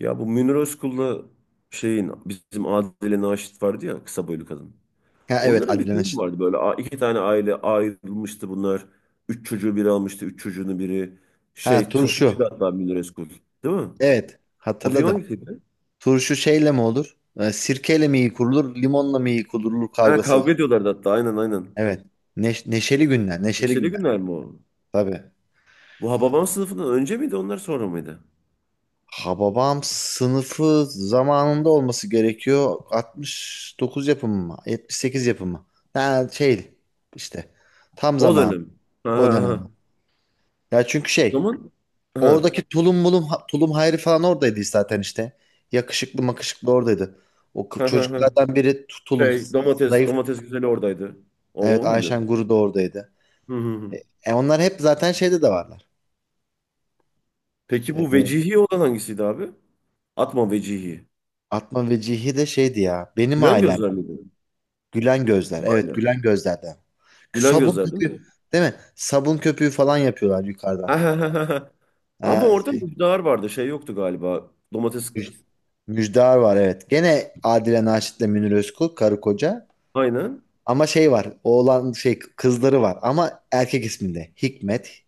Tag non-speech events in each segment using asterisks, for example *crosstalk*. Ya bu Münir Özkul'la şeyin bizim Adile Naşit vardı ya, kısa boylu kadın. Ha evet Onların bir Adile filmi Naşit. vardı böyle, iki tane aile ayrılmıştı bunlar. Üç çocuğu biri almıştı. Üç çocuğunu biri Ha şey, turşu. turşucuydu hatta Münir Özkul. Değil mi? Evet O film hatırladım. hangisiydi? Turşu şeyle mi olur? Sirkeyle mi iyi kurulur? Limonla mı iyi kurulur Ha, kavgası kavga var. ediyorlardı hatta, aynen aynen. Evet. Neşeli günler. Neşeli Neşeli günler. günler mi o? Tabii. Bu Hababam Sınıfı'ndan önce miydi, onlar sonra mıydı? Hababam sınıfı zamanında olması gerekiyor. 69 yapımı mı? 78 yapımı. Ha şey işte. Tam O zaman. dönem. Ha, O ha, dönem. ha. Ya çünkü O şey. zaman ha, Oradaki tulum mulum tulum Hayri falan oradaydı zaten işte. Yakışıklı makışıklı oradaydı. O kı- ha, ha, ha. çocuklardan biri tulum Şey, domates zayıf. domates güzeli oradaydı. O, Evet o muydu? Ayşen Guru da oradaydı. Hı hı hı. E, onlar hep zaten şeyde de varlar. Peki E, bu Vecihi olan hangisiydi abi? Atma Vecihi. Atma ve Cihi de şeydi ya. Benim Gülen ailem. Gözler miydi? Değil Gülen gözler. mi Evet aynen? Gülen gözlerden. Gülen Sabun Gözler değil mi? köpüğü değil mi? Sabun köpüğü falan yapıyorlar Ha, yukarıdan. ha, ha, ha, ha. Ama Ha, orada şey, Müjdar vardı. Şey yoktu galiba. Domates müj- Müjdar var evet. Gene Adile Naşit'le Münir Özkul karı koca. aynen. Ama şey var. Oğlan şey kızları var ama erkek isminde. Hikmet,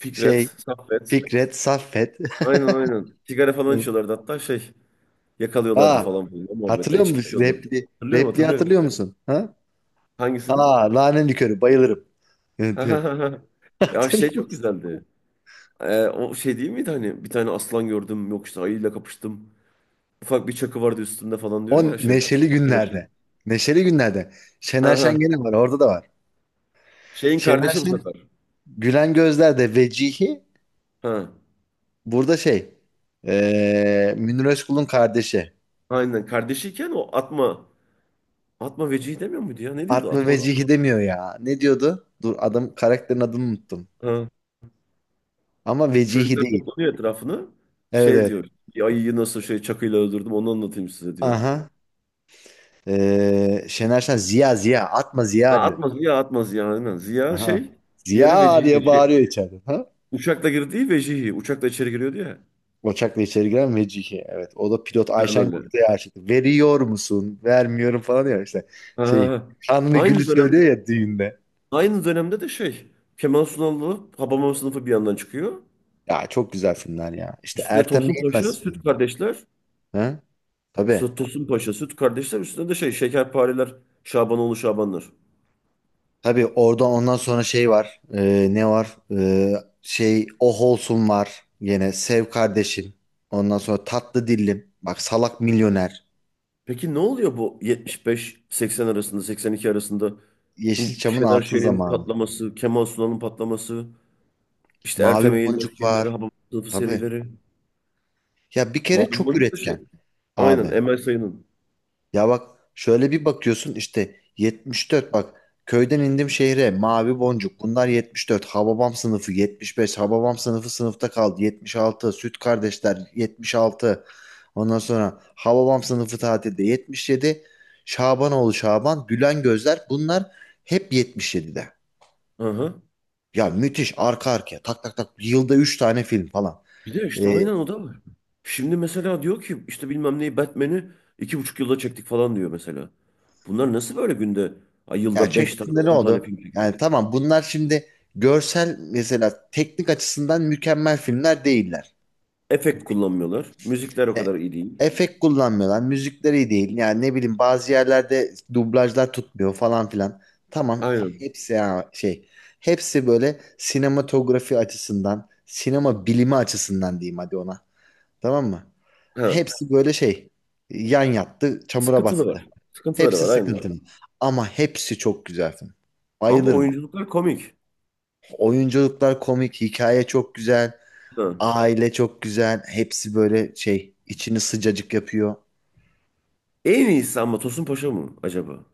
Fikret, şey Saffet. Fikret, Saffet. Aynen aynen. Sigara falan *laughs* içiyorlardı hatta, şey. Yakalıyorlardı Aa, falan filan o muhabbette. hatırlıyor İçki musun? içiyordu. Repli, Hatırlıyorum repliği hatırlıyorum. hatırlıyor musun? Ha? Hangisini? Aa, nane likörü bayılırım. Ha, Evet, ha, evet. ha, ha. *laughs* Ya şey, Hatırlıyor çok musun? güzeldi. O şey değil miydi hani, bir tane aslan gördüm, yok işte ayıyla kapıştım. Ufak bir çakı vardı üstümde falan diyor O ya şey. neşeli Şener Şen. günlerde. Neşeli günlerde. Şener Aha. Şen gene var. Orada da var. Şeyin Şener kardeşi bu Şen sefer. Gülen Gözler'de Vecihi Ha. burada şey Münir Özkul'un kardeşi. Aynen. Kardeşiyken o atma. Atma Vecihi demiyor muydu ya? Ne diyordu? Atma Atma Vecihi. Vecihi demiyor ya. Ne diyordu? Dur adam karakterin adını unuttum. Ha. Ama vecihi Çocuklar değil. toplanıyor etrafını. Evet Şey evet. diyor. "Bir ayıyı nasıl şey, çakıyla öldürdüm, onu anlatayım size," diyor. Aha. Şener Şen Ziya Ziya atma Ha, Ziya diyor. atma Ziya, atma Ziya. Aynen. Ziya Aha. şey. Diğeri Ziya Vecihi. diye Şey, bağırıyor içeride. Ha? uçakla girdiği Vecihi. Uçakla içeri giriyordu ya. Uçakla içeri giren Vecihi. Evet. O da pilot Ayşen Planörleri. Kurt'a aşık. Veriyor musun? Vermiyorum falan diyor işte. Şey. Ha. Kanlı Gül'ü Aynı dönemde söylüyor ya düğünde. aynı dönemde de şey. Kemal Sunal'la Habamam Sınıfı bir yandan çıkıyor. Ya çok güzel filmler ya. İşte Üstüne Ertem Tosun Paşa, Eğilmez Süt filmleri. Kardeşler. Ha? Tabii. Tosun Paşa, Süt Kardeşler üstünde de şey, Şekerpareler, Şabanoğlu Şabanlar. Tabii orada ondan sonra şey var. Ne var? Şey Oh Olsun var. Yine Sev Kardeşim. Ondan sonra Tatlı Dillim. Bak Salak Milyoner. Peki ne oluyor bu 75-80 arasında, 82 arasında? Bu Yeşilçam'ın Şener altın Şen'in zamanı. patlaması, Kemal Sunal'ın patlaması, işte Ertem Mavi Eğilmez Boncuk filmleri, var. Hababam Sınıfı Tabii. serileri. Ya bir kere Mavi çok Boncuk da şey. üretken Aynen, abi. Emel Sayın'ın. Ya bak şöyle bir bakıyorsun işte 74 bak köyden indim şehre mavi boncuk bunlar 74 Hababam sınıfı 75 Hababam sınıfı sınıfta kaldı 76 Süt kardeşler 76 ondan sonra Hababam sınıfı tatilde 77 Şabanoğlu Şaban Gülen Gözler bunlar hep 77'de. Aha. Ya müthiş arka arkaya tak tak tak yılda 3 tane film falan. Bir de işte Ee, aynen, o da var. Şimdi mesela diyor ki işte bilmem neyi, Batman'i 2,5 yılda çektik falan diyor mesela. Bunlar nasıl böyle günde, ay, Ya yılda 5 tane çektiğinde ne 10 tane oldu? film çekiyor? Yani tamam bunlar şimdi görsel mesela teknik açısından mükemmel filmler değiller. Efekt kullanmıyorlar. Müzikler o E, kadar iyi değil. efekt kullanmıyorlar. Müzikleri iyi değil. Yani ne bileyim bazı yerlerde dublajlar tutmuyor falan filan. Tamam Aynen. hepsi ya şey. Hepsi böyle sinematografi açısından, sinema bilimi açısından diyeyim hadi ona. Tamam mı? Ha. Hepsi böyle şey. Yan yattı, çamura battı. Sıkıntılı var. Sıkıntıları Hepsi var aynen. sıkıntılı. Ama hepsi çok güzel film. Ama Bayılırım. oyunculuklar komik. Oyunculuklar komik, hikaye çok güzel, Ha. aile çok güzel. Hepsi böyle şey içini sıcacık yapıyor. En iyisi ama Tosun Paşa mı acaba?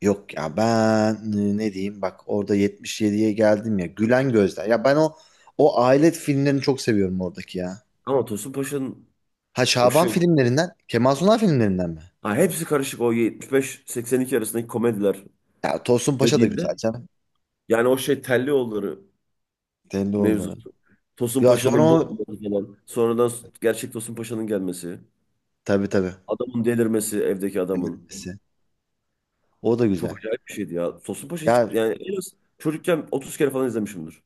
Yok ya ben ne diyeyim bak orada 77'ye geldim ya Gülen Gözler. Ya ben o aile filmlerini çok seviyorum oradaki ya. Ama Tosun Paşa'nın Ha o Şaban şey. filmlerinden, Kemal Sunal filmlerinden mi? Ha, hepsi karışık, o 75-82 arasındaki komediler Ya Tosun Paşa da dediğinde. güzel canım. Yani o şey, Tellioğulları Telli oğulları. mevzusu. Tosun Ya sonra Paşa'nın bu o olması falan. Sonradan gerçek Tosun Paşa'nın gelmesi. tabii tabii. Adamın delirmesi, evdeki adamın. Bilirsin. O da güzel. Çok acayip bir şeydi ya. Tosun Paşa hiç, Ya yani en az çocukken 30 kere falan izlemişimdir.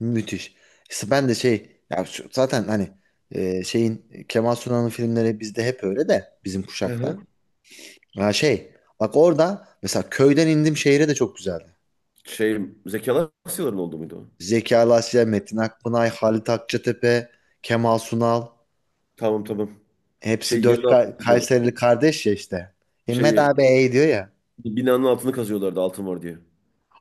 müthiş. İşte ben de şey ya zaten hani şeyin Kemal Sunal'ın filmleri bizde hep öyle de bizim Hı hı. kuşakta. Ha şey bak orada mesela köyden indim şehire de çok güzeldi. Şey, Zeki Alasyaların oldu muydu o? Zeki Alasya, Metin Akpınar, Halit Akçatepe, Kemal Sunal Tamam tamam. hepsi Şey, yerin dört altını Kayserili kazıyorlardı. kardeş ya işte. Himmet Şeyi, abi ey diyor ya. binanın altını kazıyorlardı altın var diye.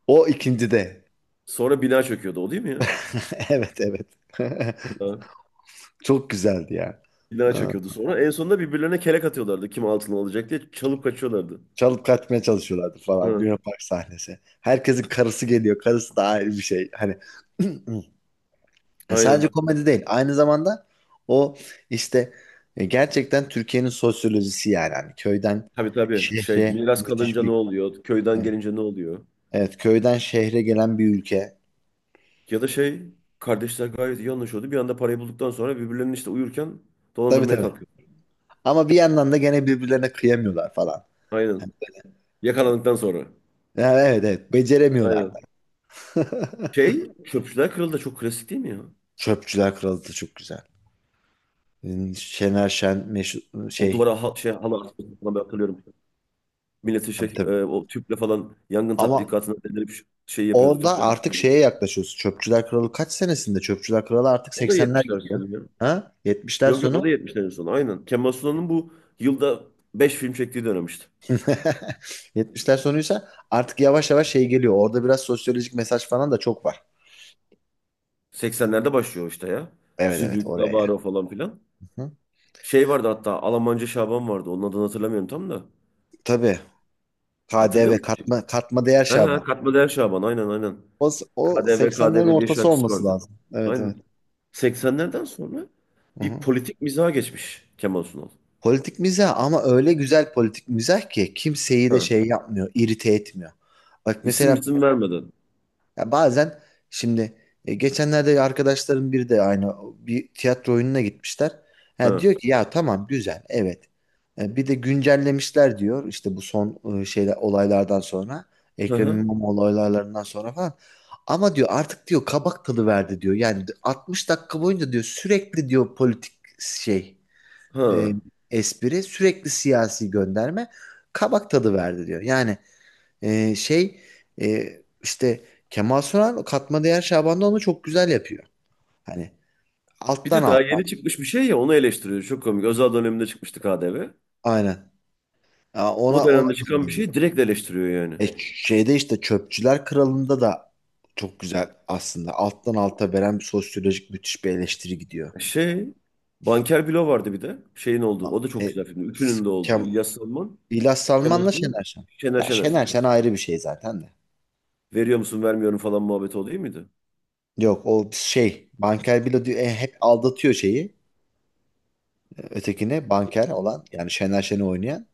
O ikinci de. Sonra bina çöküyordu o, değil mi ya? *laughs* Evet evet. *laughs* Ha. Çok güzeldi ya. Bina çöküyordu sonra. En sonunda birbirlerine kelek atıyorlardı, kim altını alacak diye. Çalıp kaçıyorlardı. Çalıp kaçmaya çalışıyorlardı falan. Ha. Luna Park sahnesi. Herkesin karısı geliyor. Karısı da ayrı bir şey. Hani *clears throat* ya sadece Aynen. komedi değil. Aynı zamanda o işte gerçekten Türkiye'nin sosyolojisi yani. Hani köyden Tabii tabii. Şey, şehre miras müthiş kalınca ne bir oluyor? Köyden evet. gelince ne oluyor? Evet, köyden şehre gelen bir ülke. Ya da şey, kardeşler gayet iyi anlaşıyordu. Bir anda parayı bulduktan sonra birbirlerinin işte uyurken Tabii dolandırmaya tabii. kalkıyor. Ama bir yandan da gene birbirlerine kıyamıyorlar falan. Aynen. Hani, Yakalandıktan sonra. yani evet evet beceremiyorlar da. Aynen. Şey, Çöpçüler Kralı da çok klasik, değil mi ya? Çöpçüler Kralı da çok güzel. Şener Şen meşhur O şey duvara şey, halı asması falan, ben hatırlıyorum. Milleti tabii şey, tabii. o tüple falan yangın Ama tatbikatına delirip şey yapıyordu, orada tüpleri artık sıkıyordu. şeye yaklaşıyorsun. Çöpçüler Kralı kaç senesinde? Çöpçüler Kralı artık O da 80'ler 70'ler gidiyor. sonu ya. Ha? 70'ler Yok yok, o sonu. da 70'lerin sonu aynen. Kemal Sunal'ın bu yılda 5 film çektiği dönem işte. *laughs* 70'ler sonuysa artık yavaş yavaş şey geliyor. Orada biraz sosyolojik mesaj falan da çok var. 80'lerde başlıyor işte ya. Evet evet Zübük, oraya yani. Davaro falan filan. Hı? Şey vardı hatta, Almanca Şaban vardı. Onun adını hatırlamıyorum tam da. Tabii. Hatırlıyor KDV musun şimdi? katma değer Ha, ha, Şaban. katma değer Şaban, aynen aynen. O, o KDV 80'lerin KDV diye ortası şarkısı olması vardı. lazım. Evet evet. Aynen. 80'lerden sonra Hı bir hı. politik mizaha geçmiş Kemal Sunal. Politik mizah ama öyle güzel politik mizah ki kimseyi de Ha. şey yapmıyor, irite etmiyor. Bak İsim mesela. isim vermeden. Ya bazen şimdi geçenlerde arkadaşlarım biri de aynı bir tiyatro oyununa gitmişler. Ha, diyor Ha, ki ya tamam güzel evet. Bir de güncellemişler diyor işte bu son şeyler olaylardan sonra hı Ekrem hı, İmamoğlu olaylarından sonra falan. Ama diyor artık diyor kabak tadı verdi diyor. Yani 60 dakika boyunca diyor sürekli diyor politik şey e, ha. espri sürekli siyasi gönderme kabak tadı verdi diyor. Yani şey e, işte Kemal Sunal katma değer Şaban'da onu çok güzel yapıyor. Hani Bir alttan de daha alttan yeni çıkmış bir şey ya, onu eleştiriyor. Çok komik. Özal döneminde çıkmıştı KDV. aynen. Ya O ona dönemde çıkan bir gönderiyor. şeyi direkt eleştiriyor yani. Şeyde işte Çöpçüler Kralı'nda da çok güzel aslında. Alttan alta veren bir sosyolojik müthiş bir eleştiri gidiyor. Şey, Banker Bilo vardı bir de. Şeyin olduğu. O da çok E, güzel film. Ütünün de olduğu. Kem, İlyas Salman. İlyas Cem Salman'la Osman, Şener Şen. Şener Ya Şener. Şener Şen ayrı bir şey zaten de. Veriyor musun, vermiyorum falan muhabbeti, o değil miydi? Yok o şey Banker Bilo diyor, hep aldatıyor şeyi ötekine Banker olan yani Şener Şen'i oynayan.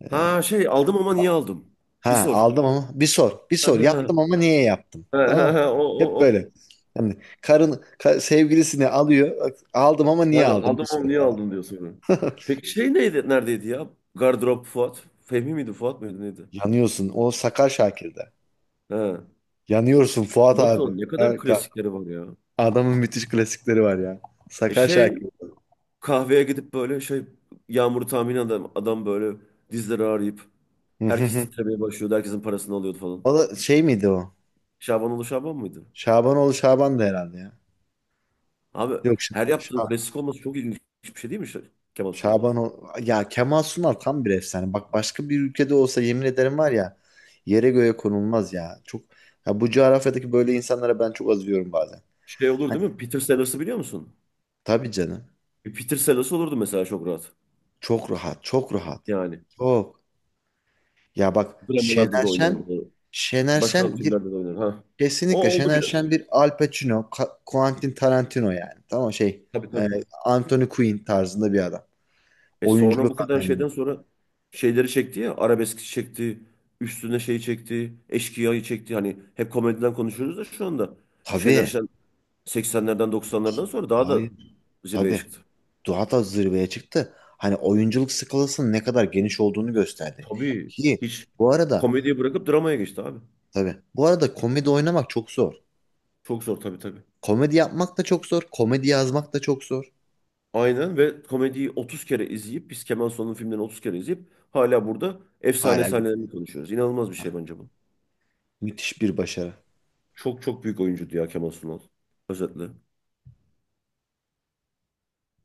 E, Ha şey, aldım ama niye ba- aldım? Bir Ha sor. aldım ama bir sor. Bir sor. Yaptım *laughs* Ha, ama niye yaptım? ha, Tamam ha. Ha, mı? o Hep o o. böyle. Hani karın sevgilisini alıyor. Aldım ama niye Aynen, aldım? Bir aldım sor ama niye falan. aldım diyor sonra. *laughs* Peki şey neydi, neredeydi ya? Gardırop Fuat. Fehmi miydi, Fuat mıydı, neydi? Yanıyorsun. O Sakar Şakir'de. Ha. Yanıyorsun Fuat abi. Cem, ne kadar klasikleri var ya. Adamın müthiş klasikleri var ya. Sakar şey, Şakir. kahveye gidip böyle şey, yağmuru tahmin, adam, adam böyle dizleri ağrıyıp herkes *laughs* titremeye başlıyordu. Herkesin parasını alıyordu falan. O da şey miydi o? Şaban oğlu Şaban mıydı? Şabanoğlu Şaban da herhalde ya. Abi, Yok. Her yaptığın Şaban. klasik olması çok ilginç bir şey değil mi, Kemal Sunal'ın? Ya Kemal Sunal tam bir efsane. Bak başka bir ülkede olsa yemin ederim var ya yere göğe konulmaz ya. Çok ya bu coğrafyadaki böyle insanlara ben çok azıyorum bazen. Şey olur Hani, değil mi? Peter Sellers'ı biliyor musun? tabii canım. Bir Peter Sellers olurdu mesela çok rahat. Çok rahat, çok rahat. Yani Çok. Ya bak dramalarda Şener da Şen oynardı. Şener Başka Şen bir türlerde de oynar. Ha. O kesinlikle oldu Şener biraz. Şen bir Al Pacino, Quentin Tarantino yani. Tamam şey Tabii e, tabii. Anthony Quinn tarzında bir adam. E sonra Oyunculuk bu kadar anlamında. şeyden sonra şeyleri çekti ya. Arabesk çekti. Üstüne şey çekti. Eşkıya'yı çekti. Hani hep komediden konuşuyoruz da şu anda. Şener Tabii. Şen 80'lerden 90'lardan sonra daha da Hayır. zirveye Tabii. çıktı. Daha da zirveye çıktı. Hani oyunculuk skalasının ne kadar geniş olduğunu gösterdi. Tabii. Ki Hiç bu arada komediyi bırakıp dramaya geçti abi. tabii bu arada komedi oynamak çok zor. Çok zor tabii tabii. Komedi yapmak da çok zor. Komedi yazmak da çok zor. Aynen, ve komediyi 30 kere izleyip, biz Kemal Sunal'ın filmlerini 30 kere izleyip hala burada efsane Hala sahnelerini konuşuyoruz. İnanılmaz bir şey bence bu. müthiş bir başarı. Çok çok büyük oyuncuydu ya Kemal Sunal. Özetle.